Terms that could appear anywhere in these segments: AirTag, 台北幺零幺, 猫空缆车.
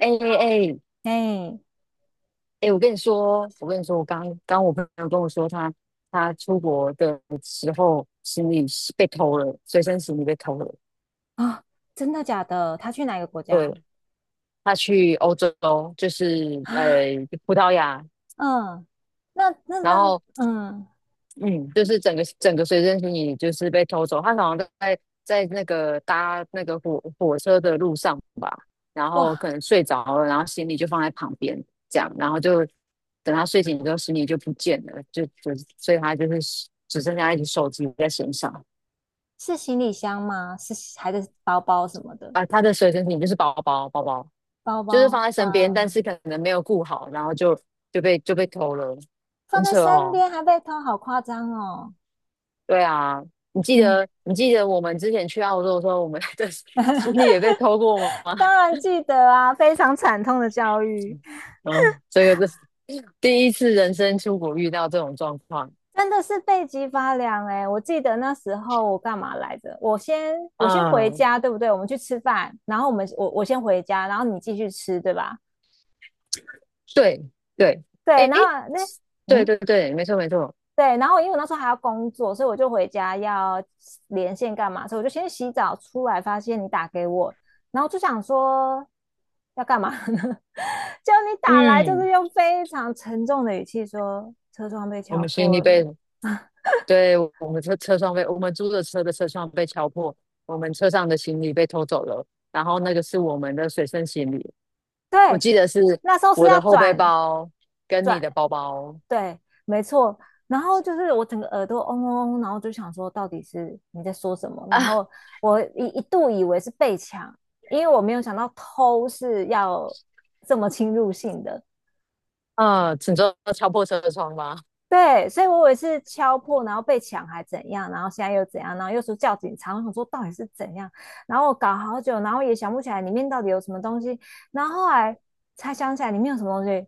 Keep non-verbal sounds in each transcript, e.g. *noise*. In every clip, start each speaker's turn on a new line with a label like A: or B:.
A: 哎哎哎，
B: 哎，
A: 哎，我跟你说，我刚刚我朋友跟我说他出国的时候行李是被偷了，随身行李被偷了。
B: 啊，真的假的？他去哪个国
A: 对，
B: 家？
A: 他去欧洲，就是
B: 啊，
A: 葡萄牙，
B: 嗯，那那
A: 然
B: 那，
A: 后
B: 嗯，
A: 嗯，就是整个随身行李就是被偷走。他好像在那个搭那个火车的路上吧，然后
B: 哇，
A: 可能睡着了，然后行李就放在旁边，这样，然后就等他睡醒之后，行李就不见了，所以他就是只剩下一只手机在身上
B: 是行李箱吗？是还是包包什么的？
A: 啊。他的随身品就是包包，包包
B: 包
A: 就是放
B: 包，
A: 在身边，但
B: 哇，
A: 是可能没有顾好，然后就被偷了，
B: 放
A: 很
B: 在
A: 扯
B: 身
A: 哦。
B: 边还被偷，好夸张哦。
A: 对啊，你记
B: 嗯，
A: 得你记得我们之前去澳洲的时候，我们的 *laughs* 行李也被偷过吗？
B: 当
A: *laughs*
B: 然记得啊，非常惨痛的教育，
A: 嗯，这个是第一次人生出国遇到这种状况。
B: 真的是背脊发凉哎、我记得那时候我干嘛来着？我先回
A: 嗯，
B: 家，对不对？我们去吃饭，然后我们我我先回家，然后你继续吃，对吧？
A: 对对，
B: 对，
A: 哎
B: 然
A: 哎，诶
B: 后那
A: 对
B: 嗯，
A: 对对，没错没错，
B: 对，然后因为我那时候还要工作，所以我就回家要连线干嘛，所以我就先洗澡出来，发现你打给我，然后就想说要干嘛呢？*laughs* 就你打来就是
A: 嗯。
B: 用非常沉重的语气说车窗被
A: 我
B: 敲
A: 们行
B: 破
A: 李被，
B: 了，*laughs*
A: 对，我们车窗被，我们租的车的车窗被敲破，我们车上的行李被偷走了，然后那个是我们的随身行李，我
B: 对，
A: 记得是
B: 那时候是
A: 我
B: 要
A: 的后背
B: 转
A: 包跟你的
B: 转
A: 包包，
B: 对，没错。然后就是我整个耳朵嗡嗡嗡，然后就想说到底是你在说什么？然
A: 啊，
B: 后我一度以为是被抢，因为我没有想到偷是要这么侵入性的。
A: 嗯，请坐敲破车窗吧。
B: 对，所以我以为是敲破，然后被抢还怎样，然后现在又怎样，然后又说叫警察，我想说到底是怎样，然后我搞好久，然后也想不起来里面到底有什么东西，然后后来才想起来里面有什么东西，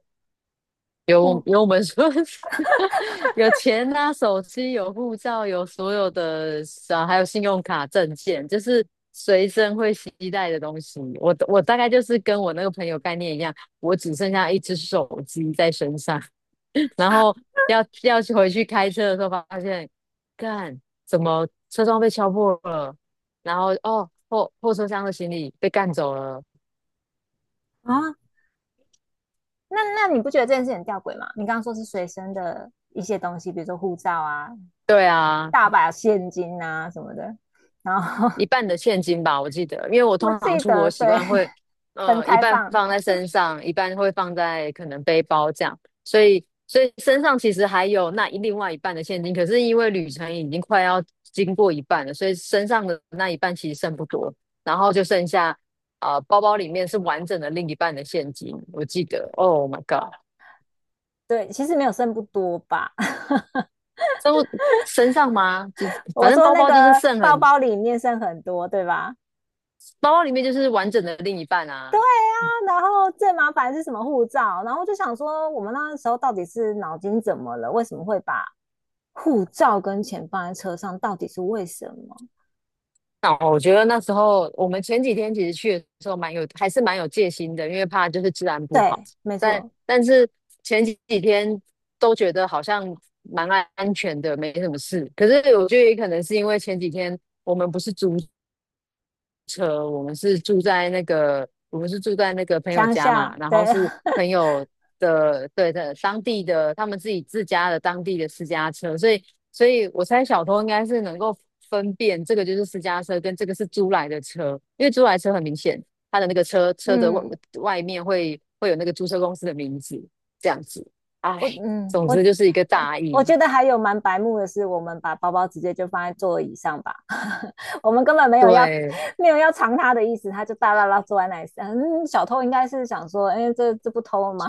A: 有
B: 不
A: 有我们说 *laughs* 有钱啊，手机有护照，有所有的啊，还有信用卡、证件，就是随身会携带的东西。我大概就是跟我那个朋友概念一样，我只剩下一只手机在身上，*laughs* 然后要去回去开车的时候，发现干怎么车窗被敲破了，然后后车厢的行李被干走了。
B: 啊，那那你不觉得这件事很吊诡吗？你刚刚说是随身的一些东西，比如说护照啊、
A: 对啊，
B: 大把现金啊什么的。然后
A: 一半的现金吧，我记得，因为
B: *laughs*
A: 我
B: 我
A: 通常
B: 记
A: 出国
B: 得
A: 习
B: 对
A: 惯会，
B: 分
A: 一
B: 开
A: 半
B: 放，
A: 放在身上，一半会放在可能背包这样，所以身上其实还有另外一半的现金，可是因为旅程已经快要经过一半了，所以身上的那一半其实剩不多，然后就剩下，包包里面是完整的另一半的现金，我记得，Oh my God，
B: 对，其实没有剩不多吧 *laughs*。
A: 都身上吗？就
B: 我
A: 反正
B: 说
A: 包
B: 那
A: 包
B: 个
A: 就是剩
B: 包
A: 很，
B: 包里面剩很多，对吧？
A: 包包里面就是完整的另一半
B: 对
A: 啊。
B: 啊，然后最麻烦是什么护照？然后就想说，我们那时候到底是脑筋怎么了？为什么会把护照跟钱放在车上？到底是为什么？
A: 那我觉得那时候我们前几天其实去的时候蛮有，还是蛮有戒心的，因为怕就是治安不好。
B: 对，没
A: 但
B: 错，
A: 但是前几天都觉得好像蛮安全的，没什么事。可是我觉得也可能是因为前几天我们不是租车，我们是住在那个，我们是住在那个朋友
B: 乡
A: 家嘛，
B: 下，
A: 然后
B: 对，*laughs*
A: 是朋友的，对的，当地的他们自己自家的当地的私家车，所以我猜小偷应该是能够分辨这个就是私家车跟这个是租来的车，因为租来车很明显，他的那个车的外
B: 嗯，
A: 面会有那个租车公司的名字，这样子，哎，
B: 我嗯
A: 总
B: 我
A: 之就是一个
B: 我
A: 大意，
B: 我觉得还有蛮白目的是，我们把包包直接就放在座椅上吧，*laughs* 我们根本没有要
A: 对，
B: 没有要藏它的意思，他就大大拉坐在那里。嗯，小偷应该是想说，哎，这不偷吗？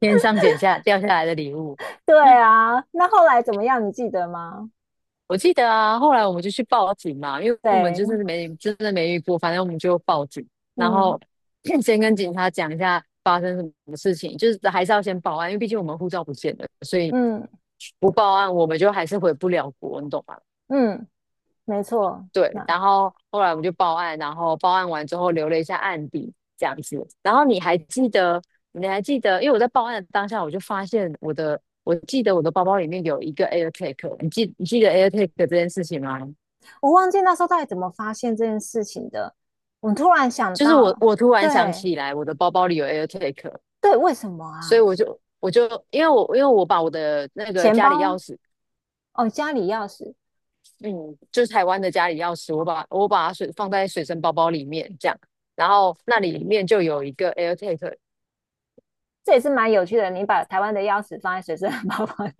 A: 天上掉下来的礼物。
B: *laughs* 对啊，那后来怎么样？你记得吗？
A: 我记得啊，后来我们就去报警嘛，因为我们就
B: 对，
A: 是没真的没遇过，反正我们就报警，然后
B: 嗯
A: *clears throat* 先跟警察讲一下发生什么事情，就是还是要先报案，因为毕竟我们护照不见了，所以
B: 嗯
A: 不报案我们就还是回不了国，你懂吗？
B: 嗯，没错。
A: 对，然
B: 那
A: 后后来我们就报案，然后报案完之后留了一下案底这样子，然后你还记得，因为我在报案的当下我就发现我的，我记得我的包包里面有一个 AirTag，你记得 AirTag 这件事情吗？
B: 我忘记那时候到底怎么发现这件事情的，我突然想
A: 就是我
B: 到，
A: 我突然想
B: 对
A: 起来，我的包包里有 AirTag，
B: 对，为什么
A: 所以
B: 啊？
A: 我就因为我把我的那个
B: 钱
A: 家
B: 包
A: 里钥匙，
B: 哦，家里钥匙，
A: 嗯，就是台湾的家里钥匙，我把它水放在水身包包里面这样，然后那里面就有一个 AirTag，
B: 这也是蛮有趣的。你把台湾的钥匙放在随身包包里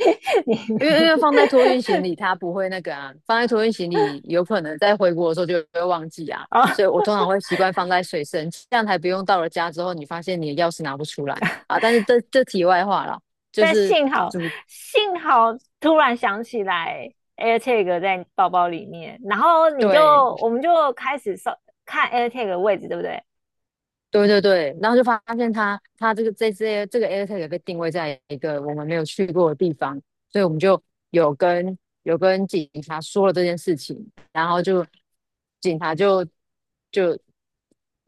B: 面
A: 因为放在托运行李它不会那个啊，放在托运行李有可能在回国的时候就会忘记啊，
B: 哦，
A: 所以我通常会习惯放在水身，这样才不用到了家之后你发现你的钥匙拿不出来啊。但是这题外话了，就
B: 但
A: 是
B: 幸好
A: 主
B: 幸好突然想起来 AirTag 在包包里面，然后你就
A: 对。
B: 我们就开始搜看 AirTag 的位置，对不对？
A: 对对对，然后就发现他这个这个 AirTag 被定位在一个我们没有去过的地方，所以我们就有跟有跟警察说了这件事情，然后就警察就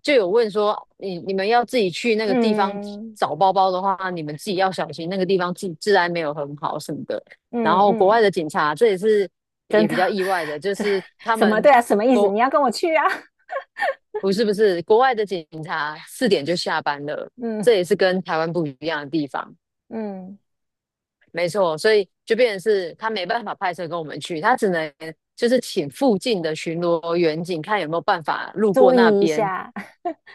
A: 就有问说，你们要自己去那个地方
B: 嗯
A: 找包包的话，你们自己要小心，那个地方治安没有很好什么的。然
B: 嗯
A: 后国外
B: 嗯，
A: 的警察，这也是
B: 真
A: 也比较
B: 的，
A: 意外的，就
B: 这
A: 是他
B: 什么
A: 们。
B: 对啊？什么意思？你要跟我去啊？
A: 不是不是，国外的警察四点就下班了，
B: 嗯
A: 这也是跟台湾不一样的地方。
B: 嗯，
A: 没错，所以就变成是他没办法派车跟我们去，他只能就是请附近的巡逻员警看有没有办法路过
B: 注
A: 那
B: 意一
A: 边。
B: 下，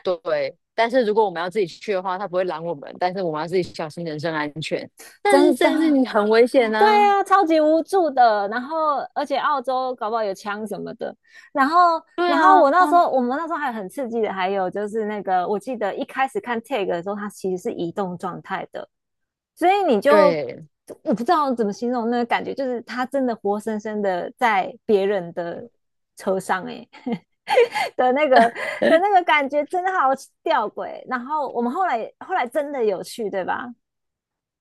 A: 对，但是如果我们要自己去的话，他不会拦我们，但是我们要自己小心人身安全。但是
B: 真
A: 这件事
B: 的
A: 情很危险
B: 对
A: 啊！
B: 啊，超级无助的。然后，而且澳洲搞不好有枪什么的。然后，
A: 对
B: 然后
A: 啊，
B: 我那时候，我们那时候还很刺激的，还有就是那个，我记得一开始看 tag 的时候，它其实是移动状态的，所以你就
A: 对，
B: 我不知道怎么形容那个感觉，就是它真的活生生的在别人的车上、欸，哎 *laughs* 的那个的那个感觉真的好吊诡。然后我们后来真的有去，对吧？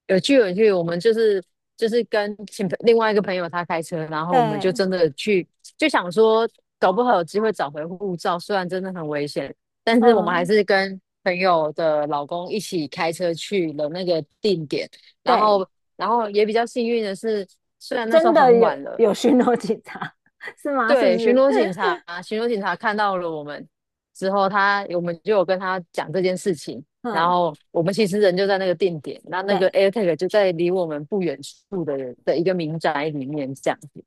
A: 有去有去，我们就是跟另外一个朋友他开车，然后我们就
B: 对，
A: 真的去，就想说搞不好有机会找回护照，虽然真的很危险，但是我们还
B: 嗯，
A: 是跟朋友的老公一起开车去了那个定点，然
B: 对。
A: 后然后也比较幸运的是，虽然那时
B: 真
A: 候
B: 的
A: 很
B: 有
A: 晚了，
B: 有巡逻警察是吗？是不
A: 对，巡
B: 是？
A: 逻警察，巡逻警察看到了我们之后他，我们就有跟他讲这件事情。然
B: 嗯，
A: 后我们其实人就在那个定点，那个
B: 对
A: AirTag 就在离我们不远处的人的一个民宅里面这样子。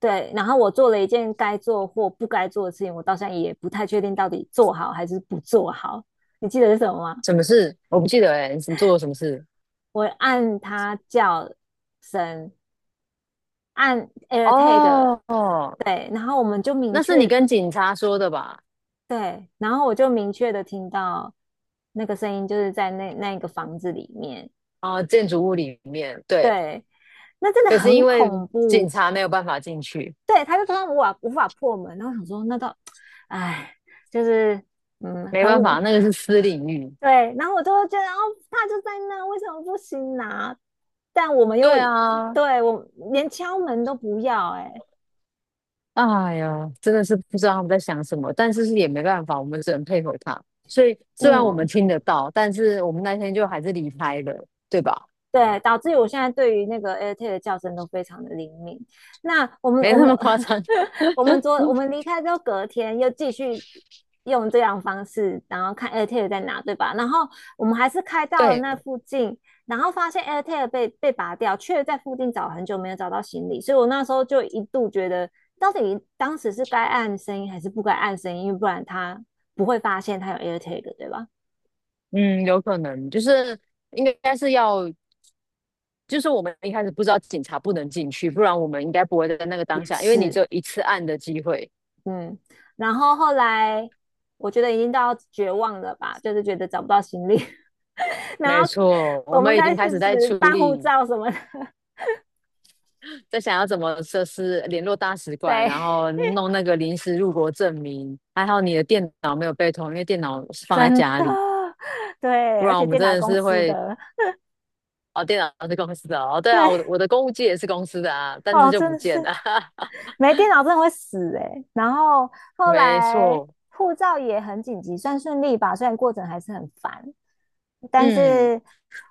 B: 对。然后我做了一件该做或不该做的事情，我到现在也不太确定到底做好还是不做好。你记得是什么吗？
A: 什么事？我不记得哎、欸你什么做了什么事？
B: 我按它叫声，按 AirTag，
A: 哦，
B: 对，然后我们就明
A: 那是你
B: 确
A: 跟警察说的吧？
B: 对，然后我就明确的听到那个声音，就是在那一个房子里面，
A: 啊，建筑物里面，对。
B: 对，那真的
A: 可是
B: 很
A: 因为
B: 恐
A: 警
B: 怖，
A: 察没有办法进去，
B: 对，他就说他无法破门，然后想说那到，哎，就是嗯，
A: 没
B: 很
A: 办
B: 我
A: 法，那个是私领域。
B: 对，然后我就会觉得哦，他就在那，为什么不行拿？但我们又
A: 对啊，
B: 对我连敲门都不要、欸，哎，
A: 哎呀，真的是不知道他们在想什么，但是也没办法，我们只能配合他。所以虽然我们
B: 嗯，
A: 听得到，但是我们那天就还是离开了，对吧？
B: 对，导致于我现在对于那个 AirTag 的叫声都非常的灵敏。那我们
A: 没
B: 我
A: 那
B: 们
A: 么夸张。
B: *laughs* 我们昨我们离开之后，隔天又继续用这样的方式，然后看 AirTag 在哪，对吧？然后我们还是开到了
A: 对，
B: 那附近，然后发现 AirTag 被拔掉，却在附近找很久没有找到行李，所以我那时候就一度觉得，到底当时是该按声音还是不该按声音，因为不然他不会发现他有 AirTag，对吧？
A: 嗯，有可能就是应该是要，就是我们一开始不知道警察不能进去，不然我们应该不会在那个当
B: 也
A: 下，因为你只
B: 是，
A: 有一次按的机会。
B: 嗯，然后后来我觉得已经到绝望了吧，就是觉得找不到行李，*laughs* 然
A: 没
B: 后
A: 错，我
B: 我们
A: 们已
B: 开
A: 经
B: 始
A: 开始在处
B: 办护
A: 理
B: 照什么的，
A: 在想要怎么设施联络大使
B: *laughs*
A: 馆，
B: 对，
A: 然后弄那个临时入国证明。还好你的电脑没有被偷，因为电脑是放在
B: 真
A: 家里，
B: 对，
A: 不
B: 而
A: 然我
B: 且
A: 们
B: 电脑
A: 真的
B: 公
A: 是
B: 司
A: 会
B: 的，
A: 哦，电脑是公司的哦，对啊，我的
B: 对，
A: 我的公务机也是公司的啊，但是
B: 哦，
A: 就
B: 真
A: 不
B: 的是
A: 见了，*laughs*
B: 没电脑真的会死哎、欸然后后
A: 没
B: 来
A: 错，
B: 护照也很紧急，算顺利吧，虽然过程还是很烦，但
A: 嗯，
B: 是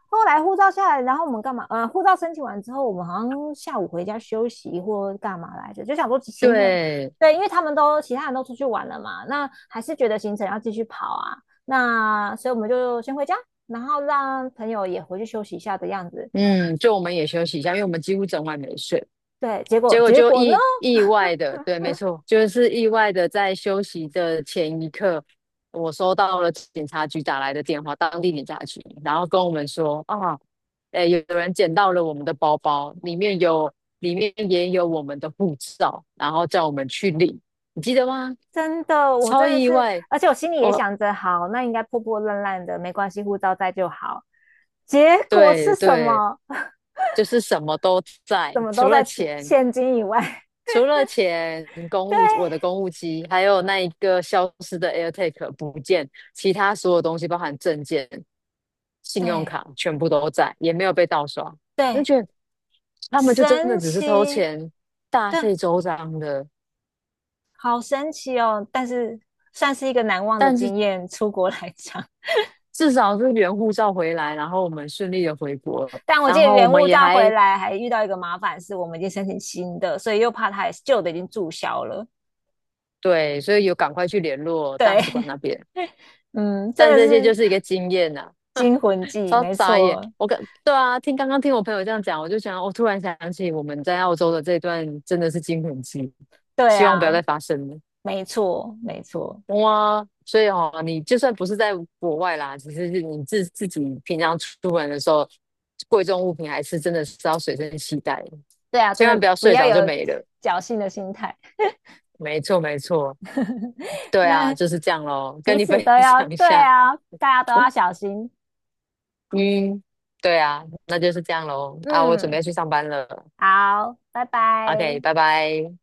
B: 后来护照下来，然后我们干嘛？护照申请完之后，我们好像下午回家休息或干嘛来着，就想说行程，
A: 对，
B: 对，因为他们都其他人都出去玩了嘛，那还是觉得行程要继续跑啊，那所以我们就先回家，然后让朋友也回去休息一下的样子。
A: 嗯，就我们也休息一下，因为我们几乎整晚没睡。
B: 对，结果
A: 结果
B: 结
A: 就
B: 果呢？
A: 意外的，对，没错，就是意外的，在休息的前一刻，我收到了警察局打来的电话，当地警察局，然后跟我们说啊，诶，有人捡到了我们的包包，里面有，里面也有我们的护照，然后叫我们去领，你记得吗？
B: 真的，我
A: 超
B: 真的
A: 意
B: 是，
A: 外，
B: 而且我心里也
A: 我，
B: 想着，好，那应该破破烂烂的，没关系，护照在就好。结果是
A: 对
B: 什
A: 对，
B: 么？*laughs*
A: 就是什么都在，
B: 怎么都
A: 除了
B: 在此
A: 钱，
B: 现金以外。
A: 除了钱、公
B: *laughs*
A: 务，
B: 对
A: 我的公务机，还有那一个消失的 AirTag 不见，其他所有东西，包含证件、信用
B: 对
A: 卡，全部都在，也没有被盗刷。就
B: 对，
A: 觉得他们就真的
B: 神
A: 只是偷
B: 奇，
A: 钱，大
B: 对，
A: 费周章的。
B: 好神奇哦！但是算是一个难忘的
A: 但是
B: 经验，出国来讲。
A: 至少是原护照回来，然后我们顺利的回国，
B: *laughs* 但我记
A: 然
B: 得
A: 后我
B: 原
A: 们
B: 物
A: 也
B: 照回
A: 还
B: 来还遇到一个麻烦，是我们已经申请新的，所以又怕它旧的已经注销了。
A: 对，所以有赶快去联络大使馆
B: 对，
A: 那边。
B: *laughs* 嗯，真
A: 但
B: 的
A: 这些就
B: 是
A: 是一个经验呐、
B: 惊魂记，
A: 超
B: 没
A: 傻眼！
B: 错。
A: 我跟对啊，刚刚听我朋友这样讲，我就想，我突然想起我们在澳洲的这段真的是惊魂记，
B: 对
A: 希望不要再
B: 啊，
A: 发生了。
B: 没错，没错，
A: 哇，所以哦，你就算不是在国外啦，只是你自己平常出门的时候，贵重物品还是真的是要随身携带的
B: 对啊，真
A: 千万
B: 的
A: 不要
B: 不
A: 睡
B: 要
A: 着就
B: 有
A: 没
B: *laughs*
A: 了。
B: 侥幸的心态，
A: 没错，没错，
B: *laughs*
A: 对啊，
B: 那
A: 就是这样咯，跟
B: 彼
A: 你分
B: 此都要，
A: 享一
B: 对
A: 下，
B: 啊，大家都要小心。
A: *laughs* 嗯，对啊，那就是这样咯。啊，我准
B: 嗯，
A: 备去上班了。
B: 好，拜
A: OK，
B: 拜。
A: 拜拜。